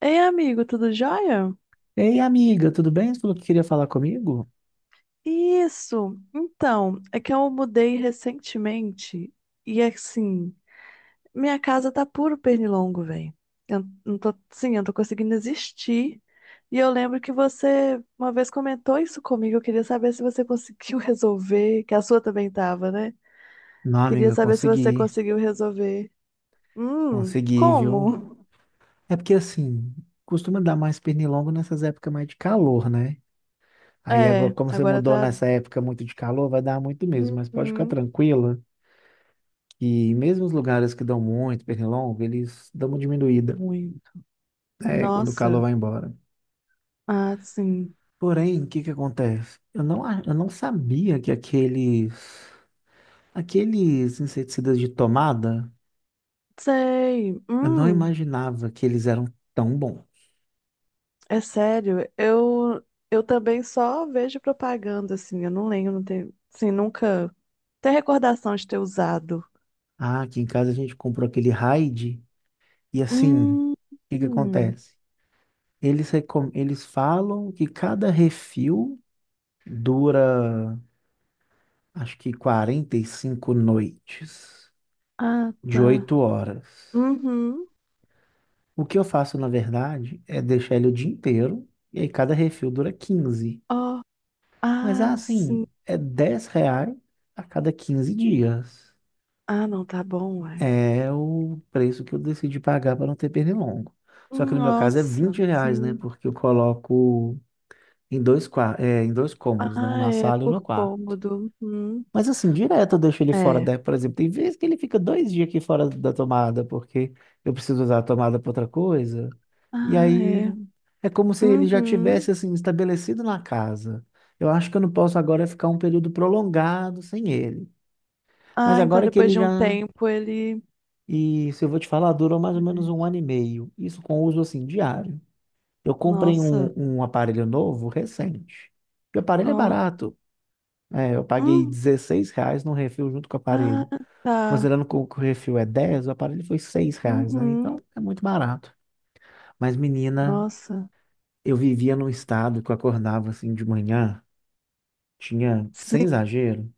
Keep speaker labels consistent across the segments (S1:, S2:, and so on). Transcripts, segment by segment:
S1: Ei, amigo, tudo jóia?
S2: Ei, amiga, tudo bem? Você falou que queria falar comigo?
S1: Isso. Então, é que eu mudei recentemente e assim, minha casa tá puro pernilongo, velho. Eu não tô, sim, eu não tô conseguindo existir. E eu lembro que você uma vez comentou isso comigo. Eu queria saber se você conseguiu resolver, que a sua também tava, né?
S2: Não,
S1: Queria
S2: amiga,
S1: saber se você
S2: consegui.
S1: conseguiu resolver.
S2: Consegui, viu?
S1: Como?
S2: É porque assim, costuma dar mais pernilongo nessas épocas mais de calor, né? Aí agora,
S1: É,
S2: como você
S1: agora
S2: mudou
S1: tá.
S2: nessa época muito de calor, vai dar muito mesmo, mas pode ficar
S1: Uhum.
S2: tranquila que mesmo os lugares que dão muito pernilongo, eles dão uma diminuída,
S1: Muito.
S2: né, quando o calor
S1: Nossa.
S2: vai embora.
S1: Ah, sim.
S2: Porém, o que que acontece? Eu não sabia que aqueles inseticidas de tomada,
S1: Sei.
S2: eu não imaginava que eles eram tão bons.
S1: É sério. Eu também só vejo propaganda assim, eu não lembro, não tenho, assim, nunca tenho recordação de ter usado.
S2: Ah, aqui em casa a gente comprou aquele Raid e assim, o
S1: Hum.
S2: que que
S1: Hum.
S2: acontece? Eles falam que cada refil dura, acho que 45 noites,
S1: Ah,
S2: de
S1: tá.
S2: 8 horas.
S1: Uhum.
S2: O que eu faço, na verdade, é deixar ele o dia inteiro, e aí cada refil dura 15.
S1: Ó.
S2: Mas é
S1: Ah, sim.
S2: assim, é R$ 10 a cada 15 dias.
S1: Ah, não, tá bom, ué.
S2: É o preço que eu decidi pagar para não ter pernilongo. Só que no meu caso é
S1: Nossa,
S2: R$ 20, né?
S1: sim.
S2: Porque eu coloco em dois cômodos, né? Um
S1: Ah,
S2: na
S1: é
S2: sala e um no
S1: por
S2: quarto.
S1: cômodo. Uhum.
S2: Mas assim, direto eu deixo ele fora
S1: É.
S2: da, por exemplo, tem vezes que ele fica 2 dias aqui fora da tomada, porque eu preciso usar a tomada para outra coisa. E
S1: Ah,
S2: aí
S1: é.
S2: é como se ele já
S1: Uhum.
S2: tivesse assim estabelecido na casa. Eu acho que eu não posso agora ficar um período prolongado sem ele. Mas
S1: Ah, então
S2: agora que
S1: depois
S2: ele
S1: de um
S2: já.
S1: tempo ele.
S2: E se eu vou te falar, durou mais ou menos um ano e meio. Isso com uso assim diário. Eu comprei
S1: Nossa,
S2: um aparelho novo recente. E o aparelho é
S1: ó.
S2: barato. É, eu paguei
S1: Uhum.
S2: R$ 16 no refil junto com o
S1: Ah,
S2: aparelho.
S1: tá.
S2: Considerando que o refil é 10, o aparelho foi R$ 6, né? Então
S1: Uhum.
S2: é muito barato. Mas, menina,
S1: Nossa.
S2: eu vivia num estado que eu acordava assim de manhã, tinha, sem
S1: Sim.
S2: exagero,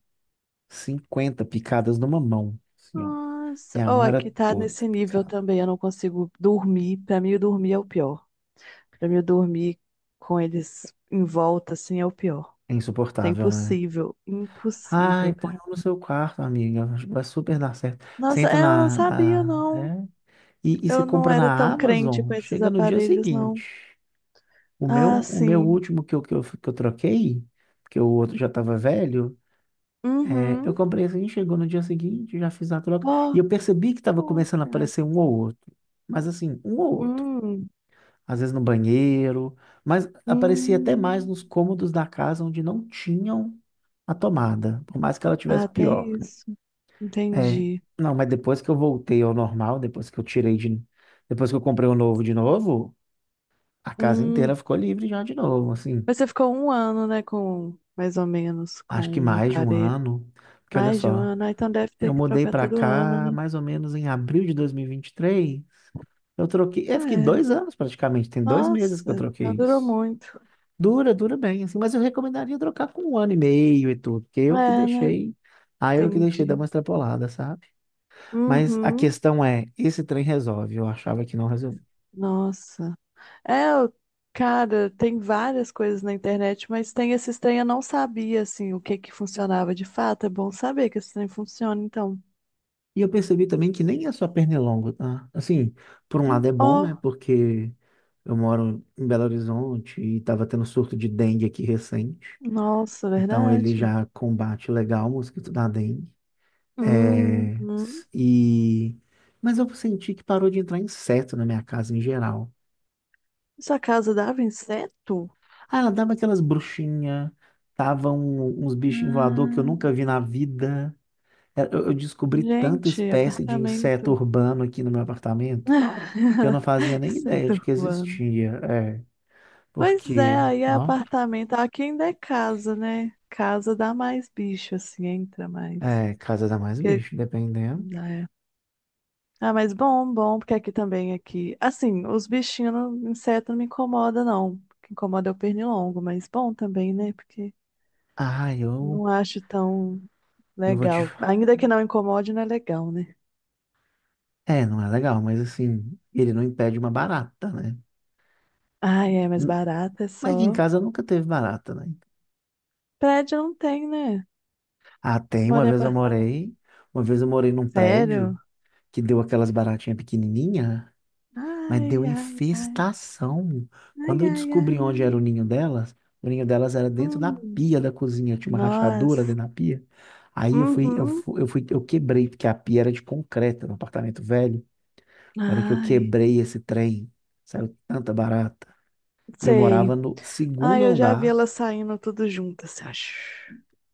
S2: 50 picadas numa mão. Assim, ó.
S1: Nossa.
S2: Minha
S1: Oh,
S2: mão era
S1: aqui tá
S2: toda
S1: nesse nível
S2: picada.
S1: também. Eu não consigo dormir. Pra mim, dormir é o pior. Pra mim, dormir com eles em volta, assim, é o pior.
S2: É
S1: Tá
S2: insuportável, né?
S1: impossível.
S2: Ai,
S1: Impossível,
S2: põe
S1: cara.
S2: um no seu quarto, amiga. Acho que vai super dar certo.
S1: Nossa,
S2: Senta
S1: é, eu não
S2: na,
S1: sabia,
S2: na-
S1: não.
S2: é. E você
S1: Eu não
S2: compra
S1: era
S2: na
S1: tão crente com
S2: Amazon,
S1: esses
S2: chega no dia
S1: aparelhos, não.
S2: seguinte. O meu,
S1: Ah,
S2: o meu
S1: sim.
S2: último que eu troquei, porque o outro já estava velho, é, eu
S1: Uhum.
S2: comprei assim, chegou no dia seguinte, já fiz a troca.
S1: Ó.
S2: E eu percebi que estava
S1: Oh,
S2: começando a
S1: cara.
S2: aparecer um ou outro. Mas assim, um ou outro.
S1: Hum.
S2: Às vezes no banheiro, mas aparecia até mais
S1: Hum.
S2: nos cômodos da casa onde não tinham a tomada, por mais que ela tivesse
S1: Ah,
S2: pior.
S1: tem isso.
S2: É,
S1: Entendi.
S2: não, mas depois que eu voltei ao normal, depois que eu comprei o novo de novo, a casa inteira
S1: Hum,
S2: ficou livre já de novo, assim.
S1: Mas você ficou um ano, né, com, mais ou menos, com
S2: Acho que
S1: um
S2: mais de um
S1: aparelho.
S2: ano, porque olha
S1: Mais de um
S2: só,
S1: ano, ah, então deve
S2: eu
S1: ter que
S2: mudei
S1: trocar
S2: pra
S1: todo ano,
S2: cá
S1: né?
S2: mais ou menos em abril de dois mil e vinte e três. Eu troquei, eu fiquei
S1: É,
S2: 2 anos praticamente, tem 2 meses que eu
S1: nossa, não
S2: troquei
S1: durou
S2: isso.
S1: muito.
S2: Dura, dura bem, assim, mas eu recomendaria trocar com um ano e meio e tudo, porque eu que
S1: É, né?
S2: deixei, aí eu que deixei dar uma
S1: Entendi.
S2: extrapolada, sabe? Mas a
S1: Uhum,
S2: questão é, esse trem resolve, eu achava que não.
S1: nossa. É, cara, tem várias coisas na internet, mas tem esses trem, eu não sabia, assim, o que que funcionava de fato. É bom saber que esse trem funciona, então.
S2: E eu percebi também que nem é só pernilongo, tá? Assim, por um lado é bom, né?
S1: Ó,
S2: Porque eu moro em Belo Horizonte e tava tendo surto de dengue aqui recente.
S1: nossa,
S2: Então ele
S1: verdade.
S2: já combate legal o mosquito da dengue. É.
S1: Uhum.
S2: Mas eu senti que parou de entrar inseto na minha casa em geral.
S1: Sua casa dava inseto?
S2: Ah, ela dava aquelas bruxinhas, tava uns bichinhos voador que eu
S1: Ah.
S2: nunca vi na vida. É, Eu descobri tanta
S1: Gente,
S2: espécie de inseto
S1: apartamento.
S2: urbano aqui no meu apartamento. Que eu não fazia nem ideia
S1: Centro
S2: de que
S1: urbano.
S2: existia. É,
S1: Pois é,
S2: porque,
S1: aí é
S2: não,
S1: apartamento. Aqui ainda é casa, né? Casa dá mais bicho, assim, entra mais.
S2: é, casa dá mais
S1: Porque-
S2: bicho, dependendo.
S1: É. Ah, mas bom, bom, porque aqui também, aqui. Assim, os bichinhos, inseto não me incomoda, não. O que incomoda é o pernilongo, mas bom também, né? Porque
S2: Ah, eu,
S1: não acho tão
S2: eu vou te.
S1: legal. Ainda que não incomode, não é legal, né?
S2: É, não é legal, mas assim, ele não impede uma barata, né?
S1: Ah, é, mas
S2: N-
S1: barata é
S2: Mas aqui em
S1: só.
S2: casa nunca teve barata, né?
S1: Prédio não tem, né?
S2: Ah,
S1: Você
S2: tem, uma
S1: mora em
S2: vez eu
S1: apartamento.
S2: morei, uma vez eu morei num prédio
S1: Sério?
S2: que deu aquelas baratinhas pequenininhas. Mas deu
S1: Ai, ai, ai.
S2: infestação.
S1: Ai,
S2: Quando eu
S1: ai,
S2: descobri
S1: ai,
S2: onde
S1: ai.
S2: era o ninho delas era dentro da
S1: Hum,
S2: pia da cozinha, tinha uma
S1: nossa.
S2: rachadura dentro da pia. Aí eu fui, eu
S1: Uhum.
S2: fui, eu fui, eu quebrei, porque a pia era de concreto, no apartamento velho. A hora que eu
S1: Ai,
S2: quebrei esse trem, saiu tanta barata. E eu
S1: sei.
S2: morava no segundo
S1: Ai, eu já vi
S2: andar.
S1: elas saindo tudo juntas, assim, acho.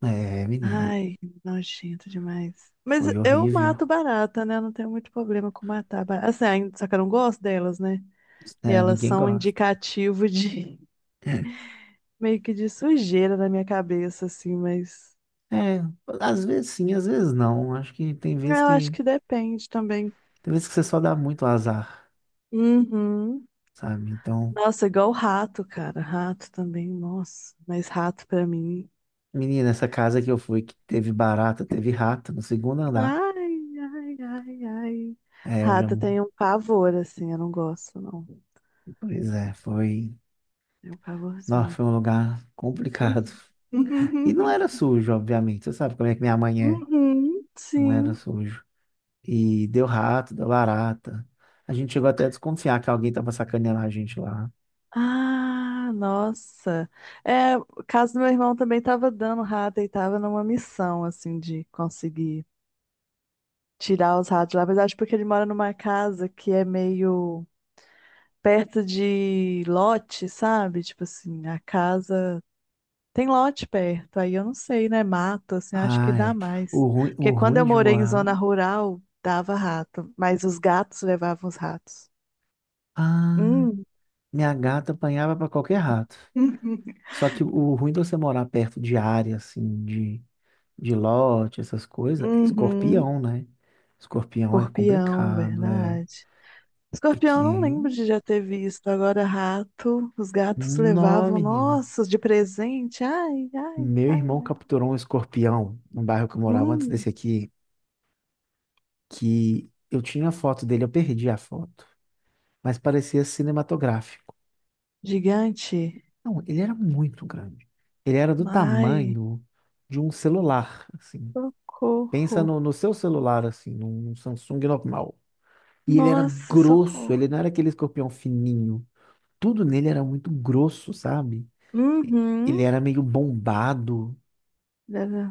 S2: É, menina,
S1: Ai, nojento demais. Mas
S2: foi
S1: eu
S2: horrível.
S1: mato barata, né? Eu não tenho muito problema com matar barata. Assim, ai, só que eu não gosto delas, né? E
S2: É,
S1: elas
S2: ninguém
S1: são um
S2: gosta.
S1: indicativo de meio que de sujeira na minha cabeça, assim, mas
S2: É, às vezes sim, às vezes não. Acho que tem vezes
S1: eu acho
S2: que
S1: que depende também.
S2: tem vezes que você só dá muito azar,
S1: Uhum.
S2: sabe? Então,
S1: Nossa, igual rato, cara. Rato também, nossa. Mas rato pra mim.
S2: menina, essa casa que eu fui, que teve barata, teve rato no segundo andar.
S1: Ai, ai, ai, ai.
S2: É, eu já.
S1: Rato tem um pavor, assim, eu não gosto, não.
S2: Pois é, foi.
S1: Tem um
S2: Nossa,
S1: pavorzinho.
S2: foi um lugar complicado. E não era sujo, obviamente. Você sabe como é que minha mãe é.
S1: Uhum,
S2: Não era
S1: sim.
S2: sujo. E deu rato, deu barata. A gente chegou até a desconfiar que alguém tava sacaneando a gente lá.
S1: Ah, nossa. É, o caso do meu irmão também tava dando rato e tava numa missão, assim, de conseguir tirar os ratos lá. Mas acho porque ele mora numa casa que é meio perto de lote, sabe? Tipo assim, a casa tem lote perto, aí eu não sei, né? Mato, assim, acho que
S2: Ah,
S1: dá
S2: é.
S1: mais. Porque
S2: O
S1: quando
S2: ruim
S1: eu
S2: de
S1: morei em
S2: morar.
S1: zona rural, dava rato, mas os gatos levavam os ratos.
S2: Ah,
S1: Hum,
S2: minha gata apanhava pra qualquer rato. Só que o ruim de você morar perto de área, assim, de lote, essas coisas, é
S1: uhum.
S2: escorpião, né? Escorpião é
S1: Escorpião,
S2: complicado, é.
S1: verdade. Escorpião,
S2: Aqui,
S1: eu não lembro de já ter visto. Agora, rato, os gatos
S2: não,
S1: levavam,
S2: menina.
S1: nossa, de presente. Ai, ai,
S2: Meu
S1: ai,
S2: irmão
S1: ai.
S2: capturou um escorpião no bairro que eu morava antes desse
S1: Hum,
S2: aqui, que eu tinha a foto dele, eu perdi a foto, mas parecia cinematográfico.
S1: gigante.
S2: Não, ele era muito grande. Ele era do
S1: Ai.
S2: tamanho de um celular, assim.
S1: Socorro.
S2: Pensa no seu celular, assim, num Samsung normal. E ele era
S1: Nossa,
S2: grosso,
S1: socorro.
S2: ele não era aquele escorpião fininho. Tudo nele era muito grosso, sabe? Ele
S1: Uhum.
S2: era meio bombado.
S1: Deve...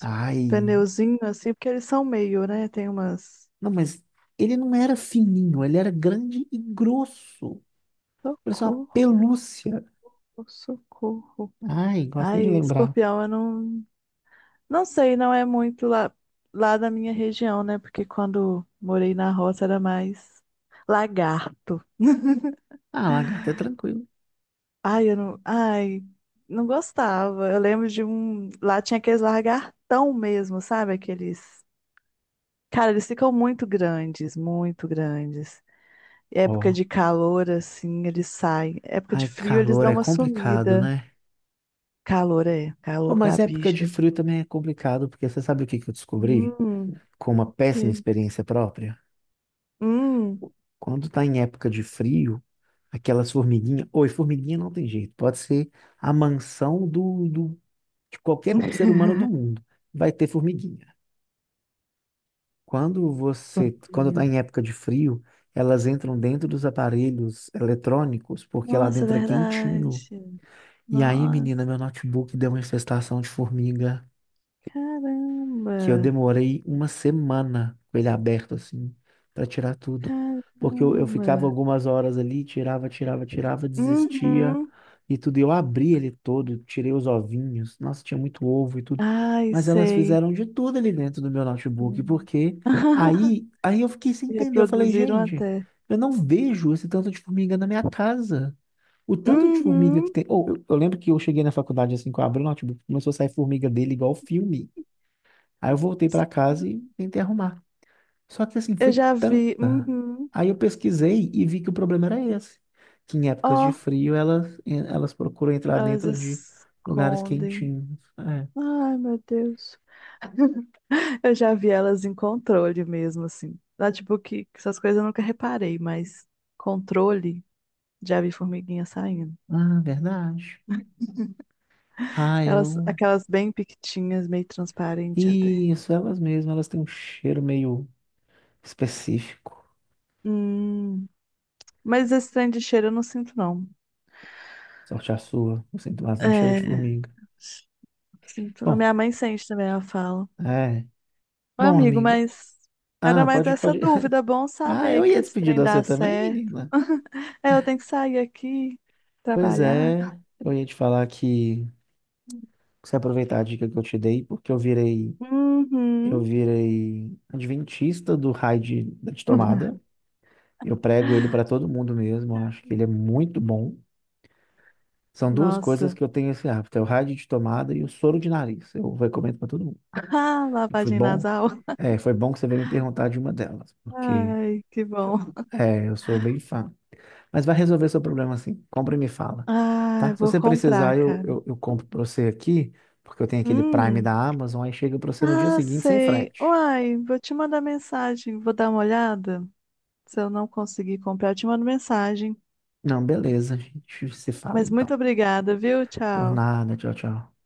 S2: Ai,
S1: Pneuzinho assim, porque eles são meio, né? Tem umas.
S2: não, mas ele não era fininho, ele era grande e grosso. Parecia uma
S1: Socorro,
S2: pelúcia.
S1: socorro.
S2: Ai, gosto nem de
S1: Ai,
S2: lembrar.
S1: escorpião, eu não. Não sei, não é muito lá da minha região, né? Porque quando morei na roça era mais lagarto.
S2: Ah, lagarta, é tranquilo.
S1: Ai, eu não. Ai, não gostava. Eu lembro de um. Lá tinha aqueles lagartão mesmo, sabe? Aqueles. Cara, eles ficam muito grandes, muito grandes. Época
S2: Ó,
S1: de calor, assim, eles saem. Época de
S2: ai,
S1: frio, eles
S2: calor
S1: dão
S2: é
S1: uma
S2: complicado,
S1: sumida.
S2: né?
S1: Calor é,
S2: Ô,
S1: calor pra
S2: mas época de
S1: bicho.
S2: frio também é complicado, porque você sabe o que que eu descobri?
S1: Hum,
S2: Com uma
S1: ok.
S2: péssima experiência própria?
S1: Hum.
S2: Quando tá em época de frio, aquelas formiguinhas. Oi, formiguinha não tem jeito. Pode ser a mansão do, do de qualquer ser humano do mundo, vai ter formiguinha. Quando você, quando está
S1: Fofinho.
S2: em época de frio, elas, entram dentro dos aparelhos eletrônicos, porque lá
S1: Nossa,
S2: dentro é
S1: verdade.
S2: quentinho. E aí, menina,
S1: Nossa,
S2: meu notebook deu uma infestação de formiga.
S1: caramba,
S2: Que eu demorei uma semana com ele aberto, assim, para tirar tudo. Porque eu ficava
S1: caramba.
S2: algumas horas ali, tirava, tirava, tirava, desistia
S1: Uhum.
S2: e tudo. E eu abri ele todo, tirei os ovinhos. Nossa, tinha muito ovo e tudo.
S1: Ai,
S2: Mas elas
S1: sei.
S2: fizeram de tudo ali dentro do meu notebook,
S1: Sim.
S2: porque aí eu fiquei sem entender. Eu falei,
S1: Reproduziram
S2: gente,
S1: até.
S2: eu não vejo esse tanto de formiga na minha casa. O tanto de formiga que
S1: Uhum.
S2: tem. Ou eu lembro que eu cheguei na faculdade assim, que eu abri o notebook, começou a sair formiga dele igual filme. Aí eu voltei para casa e tentei arrumar. Só que assim,
S1: Eu
S2: foi
S1: já vi.
S2: tanta.
S1: Uhum.
S2: Aí eu pesquisei e vi que o problema era esse. Que em épocas de
S1: Ó,
S2: frio elas procuram entrar
S1: elas
S2: dentro de lugares
S1: escondem.
S2: quentinhos. É.
S1: Ai, meu Deus. Eu já vi elas em controle mesmo, assim. Lá, tipo, que essas coisas eu nunca reparei, mas controle, já vi formiguinha saindo.
S2: Ah, verdade. Ah,
S1: Elas,
S2: eu.
S1: aquelas bem piquitinhas, meio transparente até.
S2: Isso, elas mesmas, elas têm um cheiro meio específico.
S1: Hum, mas esse trem de cheiro eu não sinto, não.
S2: Sorte a sua, eu sinto bastante cheiro de
S1: É,
S2: formiga.
S1: sinto, não.
S2: Bom,
S1: Minha mãe sente também, ela fala.
S2: é.
S1: Ô,
S2: Bom,
S1: amigo,
S2: amiga.
S1: mas era
S2: Ah,
S1: mais
S2: pode,
S1: essa
S2: pode.
S1: dúvida. Bom
S2: Ah,
S1: saber
S2: eu
S1: que
S2: ia
S1: esse
S2: despedir
S1: trem
S2: de você
S1: dá
S2: também,
S1: certo.
S2: menina.
S1: É, eu tenho que sair aqui,
S2: Pois
S1: trabalhar.
S2: é, eu ia te falar que você aproveitar a dica que eu te dei, porque eu virei, eu
S1: Uhum.
S2: virei adventista do raio de, da de tomada. Eu prego ele para todo mundo mesmo, eu acho que ele é muito bom. São duas
S1: Nossa.
S2: coisas que eu tenho esse hábito, é o raio de tomada e o soro de nariz. Eu recomendo para todo mundo.
S1: Ah,
S2: Foi
S1: lavagem
S2: bom,
S1: nasal.
S2: é, foi bom que você veio me perguntar de uma delas, porque
S1: Ai, que bom.
S2: é, eu sou bem fã. Mas vai resolver seu problema assim, compra e me fala, tá?
S1: Ai,
S2: Se
S1: vou
S2: você
S1: comprar,
S2: precisar, eu,
S1: cara.
S2: eu, eu compro para você aqui, porque eu tenho aquele Prime
S1: Hum.
S2: da Amazon, aí chega para você no dia
S1: Ah,
S2: seguinte sem
S1: sei.
S2: frete.
S1: Uai, vou te mandar mensagem. Vou dar uma olhada. Se eu não conseguir comprar, eu te mando mensagem.
S2: Não, beleza. A gente se fala
S1: Mas
S2: então.
S1: muito obrigada, viu?
S2: Por
S1: Tchau.
S2: nada. Tchau, tchau.